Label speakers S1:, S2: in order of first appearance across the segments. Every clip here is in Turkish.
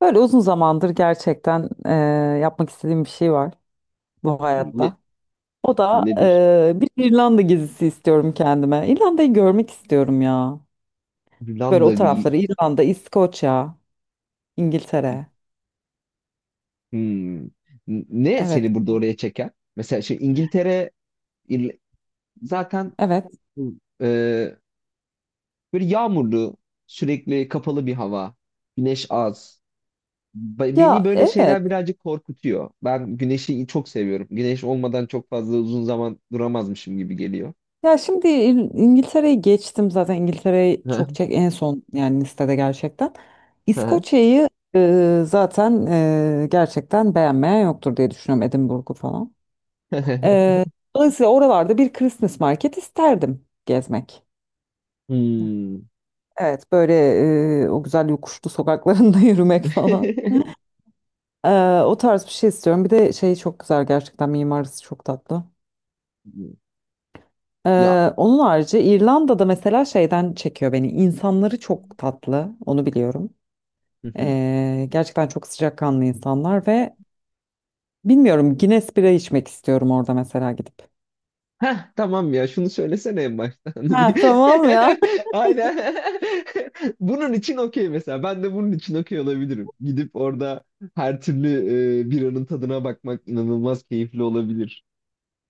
S1: Böyle uzun zamandır gerçekten yapmak istediğim bir şey var bu
S2: Ne,
S1: hayatta. O da
S2: Nedir?
S1: bir İrlanda gezisi istiyorum kendime. İrlanda'yı görmek istiyorum ya. Böyle
S2: Hollanda.
S1: o tarafları İrlanda, İskoçya, İngiltere.
S2: Hmm. Ne
S1: Evet,
S2: seni burada oraya çeker? Mesela şimdi İngiltere, İrl- zaten,
S1: evet.
S2: e, böyle yağmurlu, sürekli kapalı bir hava, güneş az. Beni
S1: Ya
S2: böyle
S1: evet.
S2: şeyler birazcık korkutuyor. Ben güneşi çok seviyorum. Güneş olmadan çok fazla uzun zaman duramazmışım gibi geliyor.
S1: Ya şimdi İngiltere'yi geçtim zaten, İngiltere'yi çok çek en son yani listede gerçekten. İskoçya'yı zaten gerçekten beğenmeyen yoktur diye düşünüyorum, Edinburgh'u falan. Ee, dolayısıyla oralarda bir Christmas market isterdim gezmek.
S2: Hmm.
S1: Evet, böyle o güzel yokuşlu sokaklarında yürümek falan. Ee, o tarz bir şey istiyorum. Bir de şey çok güzel gerçekten, mimarisi çok tatlı.
S2: Ya.
S1: Onun harici İrlanda'da mesela şeyden çekiyor beni. İnsanları çok tatlı, onu biliyorum.
S2: Hı hı.
S1: Gerçekten çok sıcakkanlı insanlar ve bilmiyorum, Guinness bira içmek istiyorum orada mesela gidip.
S2: Heh, tamam ya, şunu söylesene en baştan.
S1: Ha, tamam ya.
S2: Aynen. Bunun için okey mesela. Ben de bunun için okey olabilirim. Gidip orada her türlü, biranın tadına bakmak inanılmaz keyifli olabilir.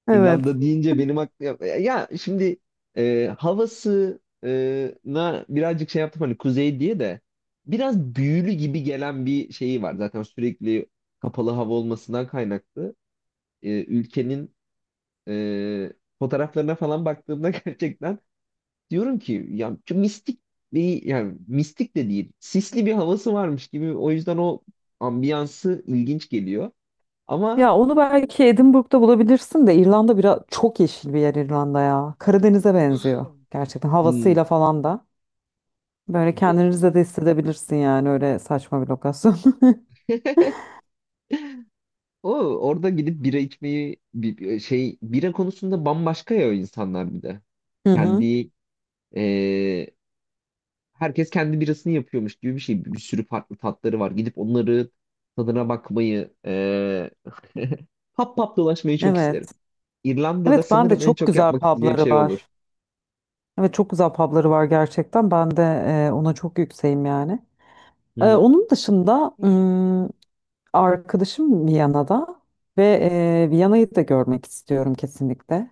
S1: Evet.
S2: İrlanda deyince benim aklıma... Ya, ya şimdi havası, e, na birazcık şey yaptım, hani kuzey diye de biraz büyülü gibi gelen bir şeyi var. Zaten sürekli kapalı hava olmasından kaynaklı. Ülkenin e, fotoğraflarına falan baktığımda gerçekten diyorum ki ya şu mistik bir, yani mistik de değil, sisli bir havası varmış gibi, o yüzden o ambiyansı ilginç geliyor ama.
S1: Ya onu belki Edinburgh'da bulabilirsin de, İrlanda biraz çok yeşil bir yer İrlanda ya. Karadeniz'e benziyor gerçekten
S2: hmm,
S1: havasıyla falan da. Böyle kendinizi de hissedebilirsin yani, öyle saçma bir lokasyon.
S2: O orada gidip bira içmeyi bira konusunda bambaşka ya o insanlar. Bir de
S1: Hı hı.
S2: kendi, e, herkes kendi birasını yapıyormuş gibi bir şey, bir sürü farklı tatları var, gidip onları tadına bakmayı, pap pap dolaşmayı çok isterim.
S1: Evet.
S2: İrlanda'da
S1: Evet ben de,
S2: sanırım en
S1: çok
S2: çok
S1: güzel
S2: yapmak isteyeceğim
S1: pubları
S2: şey olur.
S1: var. Evet, çok güzel pubları var gerçekten. Ben de ona çok yükseğim yani.
S2: Hı
S1: E,
S2: hı.
S1: onun dışında arkadaşım Viyana'da ve Viyana'yı da görmek istiyorum kesinlikle.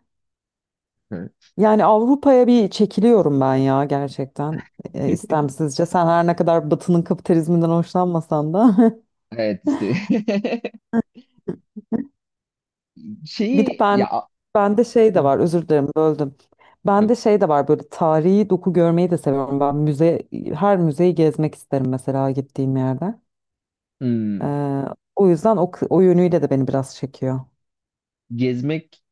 S2: Hı.
S1: Yani Avrupa'ya bir çekiliyorum ben ya gerçekten istemsizce. Sen her ne kadar Batı'nın kapitalizminden hoşlanmasan da.
S2: Evet işte.
S1: Bir de
S2: Şeyi ya,
S1: bende şey de
S2: Hı.
S1: var, özür dilerim, böldüm. Bende şey de var, böyle tarihi doku görmeyi de seviyorum. Ben her müzeyi gezmek isterim mesela gittiğim yerde.
S2: Hmm.
S1: Ee, o yüzden o yönüyle de beni biraz çekiyor.
S2: Gezmek,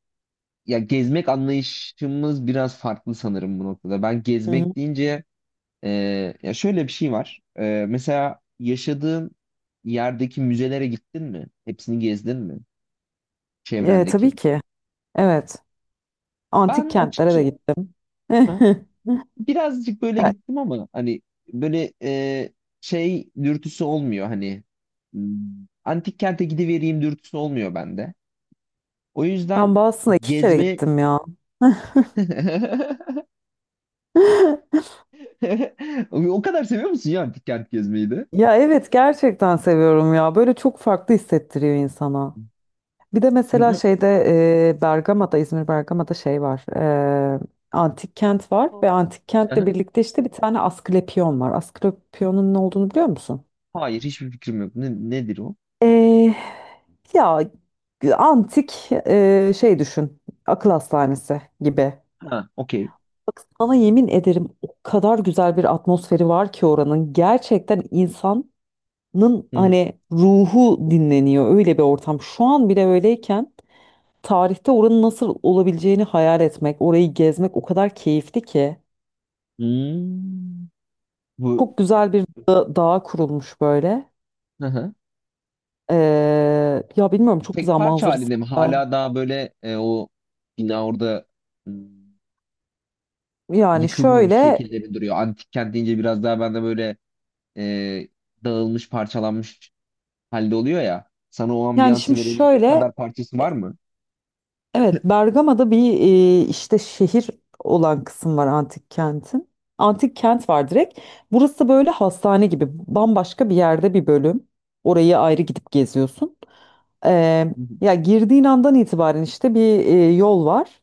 S2: ya gezmek anlayışımız biraz farklı sanırım bu noktada. Ben
S1: Hı hı.
S2: gezmek deyince, e, ya şöyle bir şey var. Mesela yaşadığın yerdeki müzelere gittin mi? Hepsini gezdin mi?
S1: Tabii
S2: Çevrendeki.
S1: ki. Evet. Antik
S2: Ben
S1: kentlere de
S2: açıkçası
S1: gittim.
S2: birazcık böyle
S1: Ya,
S2: gittim ama hani böyle, şey dürtüsü olmuyor, hani, hmm, antik kente gidivereyim dürtüsü olmuyor bende. O
S1: ben
S2: yüzden
S1: Boston'a iki kere
S2: gezme
S1: gittim ya.
S2: o kadar seviyor musun ya antik kent gezmeyi de?
S1: Ya evet gerçekten seviyorum ya. Böyle çok farklı hissettiriyor insana. Bir de
S2: Hı
S1: mesela
S2: hı.
S1: Bergama'da, İzmir Bergama'da şey var. e, antik kent var ve antik
S2: Hı
S1: kentle
S2: hı.
S1: birlikte işte bir tane Asklepion var. Asklepion'un ne olduğunu biliyor musun?
S2: Hayır, hiçbir fikrim yok. Nedir o?
S1: E, ya antik şey düşün. Akıl hastanesi gibi.
S2: Ha, okey.
S1: Bak sana yemin ederim, o kadar güzel bir atmosferi var ki oranın. Gerçekten insan nın
S2: Hı hı.
S1: hani ruhu dinleniyor, öyle bir ortam. Şu an bile öyleyken tarihte oranın nasıl olabileceğini hayal etmek, orayı gezmek o kadar keyifli ki.
S2: Hmm. Bu.
S1: Çok güzel bir da dağ kurulmuş böyle.
S2: Hı hı.
S1: Ya bilmiyorum, çok
S2: Tek
S1: güzel
S2: parça
S1: manzarası.
S2: halinde mi?
S1: Var.
S2: Hala daha böyle, o bina orada, hmm,
S1: Yani
S2: yıkılmamış
S1: şöyle
S2: şekilde bir duruyor. Antik kent deyince biraz daha bende böyle, e, dağılmış, parçalanmış halde oluyor ya. Sana o
S1: yani
S2: ambiyansı
S1: şimdi
S2: verebilecek
S1: şöyle,
S2: kadar parçası var mı?
S1: evet, Bergama'da bir işte şehir olan kısım var antik kentin. Antik kent var direkt. Burası böyle hastane gibi, bambaşka bir yerde bir bölüm. Orayı ayrı gidip geziyorsun. Eee,
S2: Hı hı.
S1: ya girdiğin andan itibaren işte bir yol var.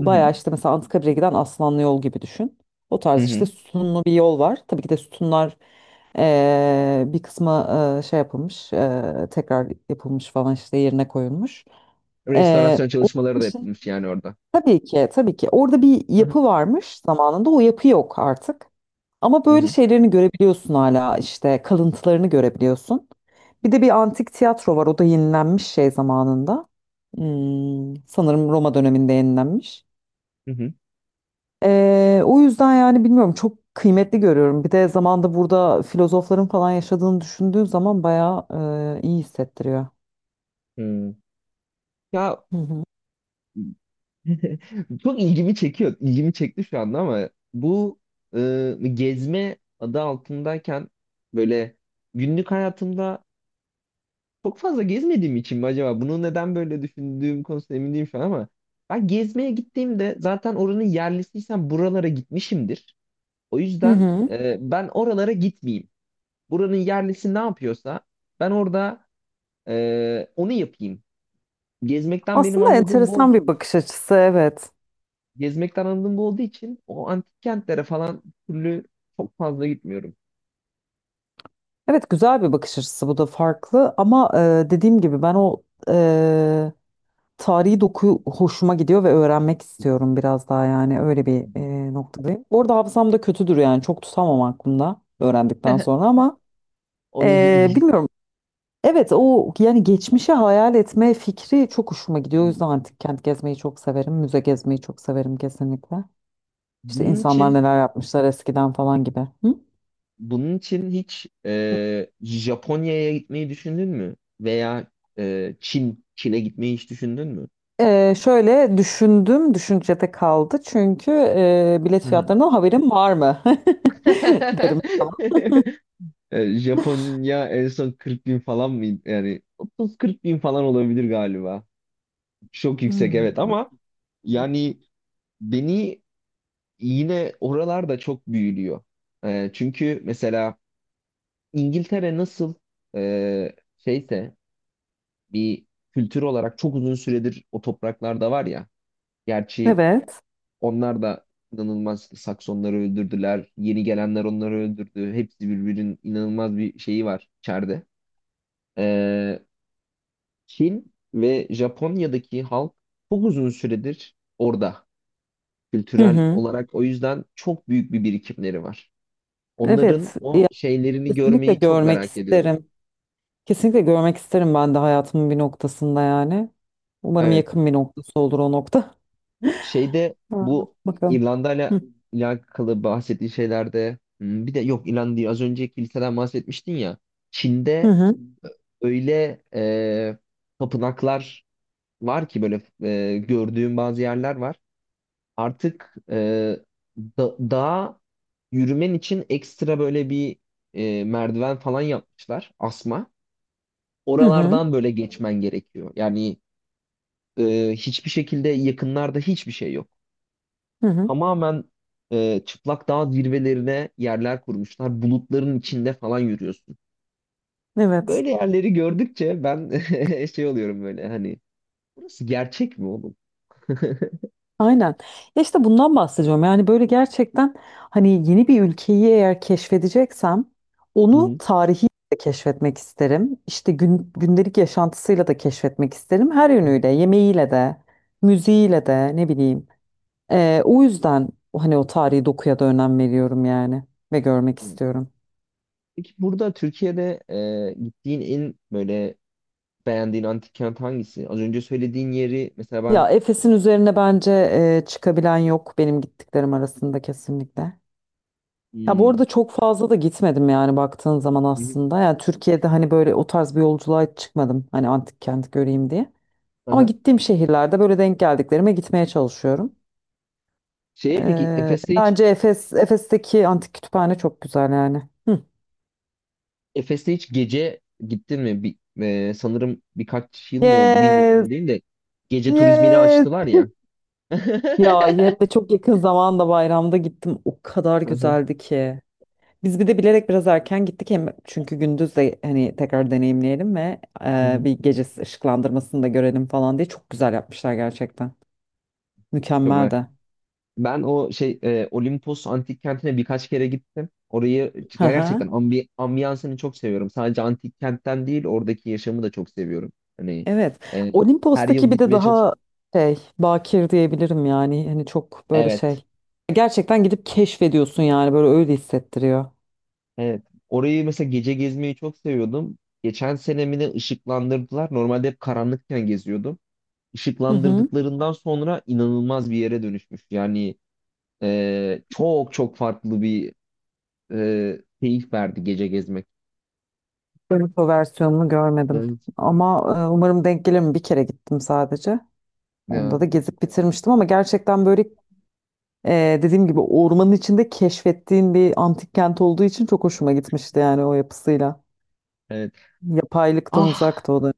S2: Hı hı.
S1: bayağı işte mesela Anıtkabir'e giden Aslanlı yol gibi düşün. O
S2: Hı
S1: tarz işte
S2: hı.
S1: sütunlu bir yol var. Tabii ki de sütunlar bir kısmı şey yapılmış, tekrar yapılmış falan, işte yerine koyulmuş.
S2: Restorasyon
S1: Onun
S2: çalışmaları da
S1: için
S2: yapılmış yani orada.
S1: Tabii ki, tabii ki. Orada bir
S2: Hı hı.
S1: yapı varmış zamanında. O yapı yok artık. Ama
S2: Hı
S1: böyle
S2: hı.
S1: şeylerini görebiliyorsun, hala işte kalıntılarını görebiliyorsun. Bir de bir antik tiyatro var. O da yenilenmiş şey zamanında. Sanırım Roma döneminde yenilenmiş.
S2: Hı hı.
S1: O yüzden yani bilmiyorum, çok kıymetli görüyorum. Bir de zamanda burada filozofların falan yaşadığını düşündüğün zaman bayağı iyi hissettiriyor.
S2: Hı. Ya,
S1: Hı hı.
S2: çok ilgimi çekiyor. İlgimi çekti şu anda ama bu, gezme adı altındayken, böyle günlük hayatımda çok fazla gezmediğim için mi acaba? Bunu neden böyle düşündüğüm konusunda emin değilim şu an ama ben gezmeye gittiğimde zaten oranın yerlisiysem buralara gitmişimdir. O
S1: Hı
S2: yüzden,
S1: hı.
S2: ben oralara gitmeyeyim. Buranın yerlisi ne yapıyorsa ben orada, onu yapayım. Gezmekten benim
S1: Aslında
S2: anladığım bu olduğu
S1: enteresan bir bakış açısı, evet.
S2: Gezmekten anladığım bu olduğu için o antik kentlere falan türlü çok fazla gitmiyorum.
S1: Evet, güzel bir bakış açısı, bu da farklı ama dediğim gibi, ben o e, tarihi doku hoşuma gidiyor ve öğrenmek istiyorum biraz daha, yani öyle bir noktadayım. Bu arada hafızam da kötüdür yani, çok tutamam aklımda öğrendikten sonra ama
S2: Onu.
S1: bilmiyorum. Evet, o yani geçmişi hayal etme fikri çok hoşuma gidiyor. O yüzden antik kent gezmeyi çok severim. Müze gezmeyi çok severim kesinlikle. İşte
S2: bunun
S1: insanlar
S2: için
S1: neler yapmışlar eskiden falan gibi. Hı?
S2: Bunun için hiç, Japonya'ya gitmeyi düşündün mü? Veya Çin'e gitmeyi hiç düşündün mü?
S1: Şöyle düşündüm, düşüncede kaldı. Çünkü bilet
S2: Hı hı.
S1: fiyatlarından haberim var mı? derim.
S2: Japonya en son 40 bin falan mıydı? Yani 30-40 bin falan olabilir galiba. Çok yüksek,
S1: Hmm.
S2: evet, ama yani beni yine oralarda çok büyülüyor. Çünkü mesela İngiltere nasıl, şeyse, bir kültür olarak çok uzun süredir o topraklarda var ya. Gerçi
S1: Evet.
S2: onlar da inanılmaz işte, Saksonları öldürdüler, yeni gelenler onları öldürdü, hepsi birbirinin inanılmaz bir şeyi var içeride. Ee, Çin ve Japonya'daki halk çok uzun süredir orada,
S1: Hı
S2: kültürel
S1: hı.
S2: olarak. O yüzden çok büyük bir birikimleri var. Onların
S1: Evet.
S2: o
S1: Ya,
S2: şeylerini
S1: kesinlikle
S2: görmeyi çok
S1: görmek
S2: merak ediyorum.
S1: isterim. Kesinlikle görmek isterim ben de hayatımın bir noktasında yani. Umarım
S2: Evet.
S1: yakın bir noktası olur o nokta.
S2: Şeyde,
S1: Ha,
S2: bu
S1: bakalım.
S2: İrlanda'yla
S1: Hı
S2: alakalı bahsettiğin şeylerde, hmm, bir de yok, İrlanda değil, az önce kiliseden bahsetmiştin ya. Çin'de
S1: hı.
S2: öyle, tapınaklar var ki böyle, gördüğüm bazı yerler var. Artık, dağa yürümen için ekstra böyle bir, merdiven falan yapmışlar, asma.
S1: Hı hı. Hı hı.
S2: Oralardan böyle geçmen gerekiyor. Yani, hiçbir şekilde yakınlarda hiçbir şey yok.
S1: Hı hı.
S2: Tamamen, çıplak dağ zirvelerine yerler kurmuşlar. Bulutların içinde falan yürüyorsun.
S1: Evet.
S2: Böyle yerleri gördükçe ben şey oluyorum böyle hani, burası gerçek mi oğlum? Hı
S1: Aynen. Ya işte bundan bahsediyorum. Yani böyle gerçekten hani, yeni bir ülkeyi eğer keşfedeceksem onu
S2: hı.
S1: tarihi de keşfetmek isterim. İşte gündelik yaşantısıyla da keşfetmek isterim. Her
S2: Hı.
S1: yönüyle, yemeğiyle de, müziğiyle de, ne bileyim. O yüzden hani o tarihi dokuya da önem veriyorum yani, ve görmek istiyorum.
S2: Peki burada Türkiye'de, gittiğin en böyle beğendiğin antik kent hangisi? Az önce söylediğin yeri mesela ben.
S1: Ya, Efes'in üzerine bence çıkabilen yok benim gittiklerim arasında kesinlikle. Ya bu
S2: Hmm.
S1: arada çok fazla da gitmedim yani, baktığın zaman
S2: Hı hı.
S1: aslında. Yani Türkiye'de hani böyle o tarz bir yolculuğa hiç çıkmadım. Hani antik kent göreyim diye. Ama
S2: Aha.
S1: gittiğim şehirlerde böyle denk geldiklerime gitmeye çalışıyorum.
S2: Şeye, peki
S1: Ee, bence Efes'teki antik kütüphane çok güzel yani. Hı.
S2: Efes'te hiç gece gittin mi? Sanırım birkaç yıl mı oldu
S1: Yes,
S2: bilmiyorum değil de, gece turizmini
S1: yes.
S2: açtılar ya.
S1: Ya hem de çok yakın zamanda, bayramda gittim. O kadar
S2: Hı hı.
S1: güzeldi ki. Biz bir de bilerek biraz erken gittik hem, çünkü gündüz de hani tekrar deneyimleyelim ve
S2: Hı hı.
S1: bir gece ışıklandırmasını da görelim falan diye, çok güzel yapmışlar gerçekten.
S2: Çok
S1: Mükemmel
S2: merak.
S1: de.
S2: Ben Olimpos antik kentine birkaç kere gittim. Orayı
S1: Hı hı.
S2: gerçekten ambiyansını çok seviyorum. Sadece antik kentten değil, oradaki yaşamı da çok seviyorum. Hani,
S1: Evet.
S2: e, her
S1: Olimpos'taki
S2: yıl
S1: bir de
S2: gitmeye çalış.
S1: daha şey, bakir diyebilirim yani, hani çok böyle
S2: Evet,
S1: şey. Gerçekten gidip keşfediyorsun yani, böyle öyle hissettiriyor.
S2: evet. Orayı mesela gece gezmeyi çok seviyordum. Geçen senemini ışıklandırdılar. Normalde hep karanlıkken geziyordum.
S1: Hı hı.
S2: Işıklandırdıklarından sonra inanılmaz bir yere dönüşmüş. Yani, çok çok farklı bir, keyif verdi gece gezmek.
S1: Ben o versiyonunu görmedim
S2: Evet.
S1: ama umarım denk gelirim, bir kere gittim sadece.
S2: Ya,
S1: Onda da gezip bitirmiştim ama gerçekten böyle dediğim gibi, ormanın içinde keşfettiğin bir antik kent olduğu için çok hoşuma gitmişti yani, o yapısıyla.
S2: evet.
S1: Yapaylıktan
S2: Ah.
S1: uzaktı o da.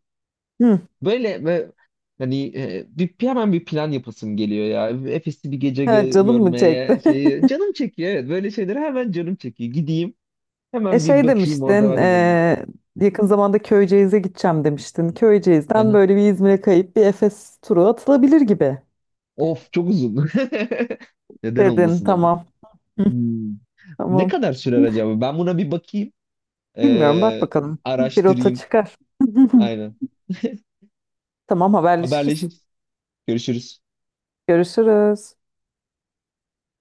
S1: Hı.
S2: Böyle, ve hani, hemen bir plan yapasım geliyor ya. Efes'i bir gece
S1: Ha, canım mı
S2: görmeye
S1: çekti?
S2: şeyi canım çekiyor, evet. Böyle şeylere hemen canım çekiyor. Gideyim
S1: E
S2: hemen bir
S1: şey
S2: bakayım, orada
S1: demiştin,
S2: ben de bulunayım.
S1: yakın zamanda Köyceğiz'e gideceğim demiştin.
S2: Hı
S1: Köyceğiz'den
S2: hı.
S1: böyle bir İzmir'e kayıp bir Efes turu atılabilir gibi
S2: Of, çok uzun. Neden
S1: dedin.
S2: olmasın ama.
S1: Tamam,
S2: Hmm. Ne
S1: tamam.
S2: kadar sürer acaba? Ben buna bir bakayım.
S1: Bilmiyorum, bak
S2: Ee,
S1: bakalım. Bir rota
S2: Araştırayım.
S1: çıkar.
S2: Aynen.
S1: Tamam, haberleşiriz.
S2: Haberleşiriz. Görüşürüz.
S1: Görüşürüz.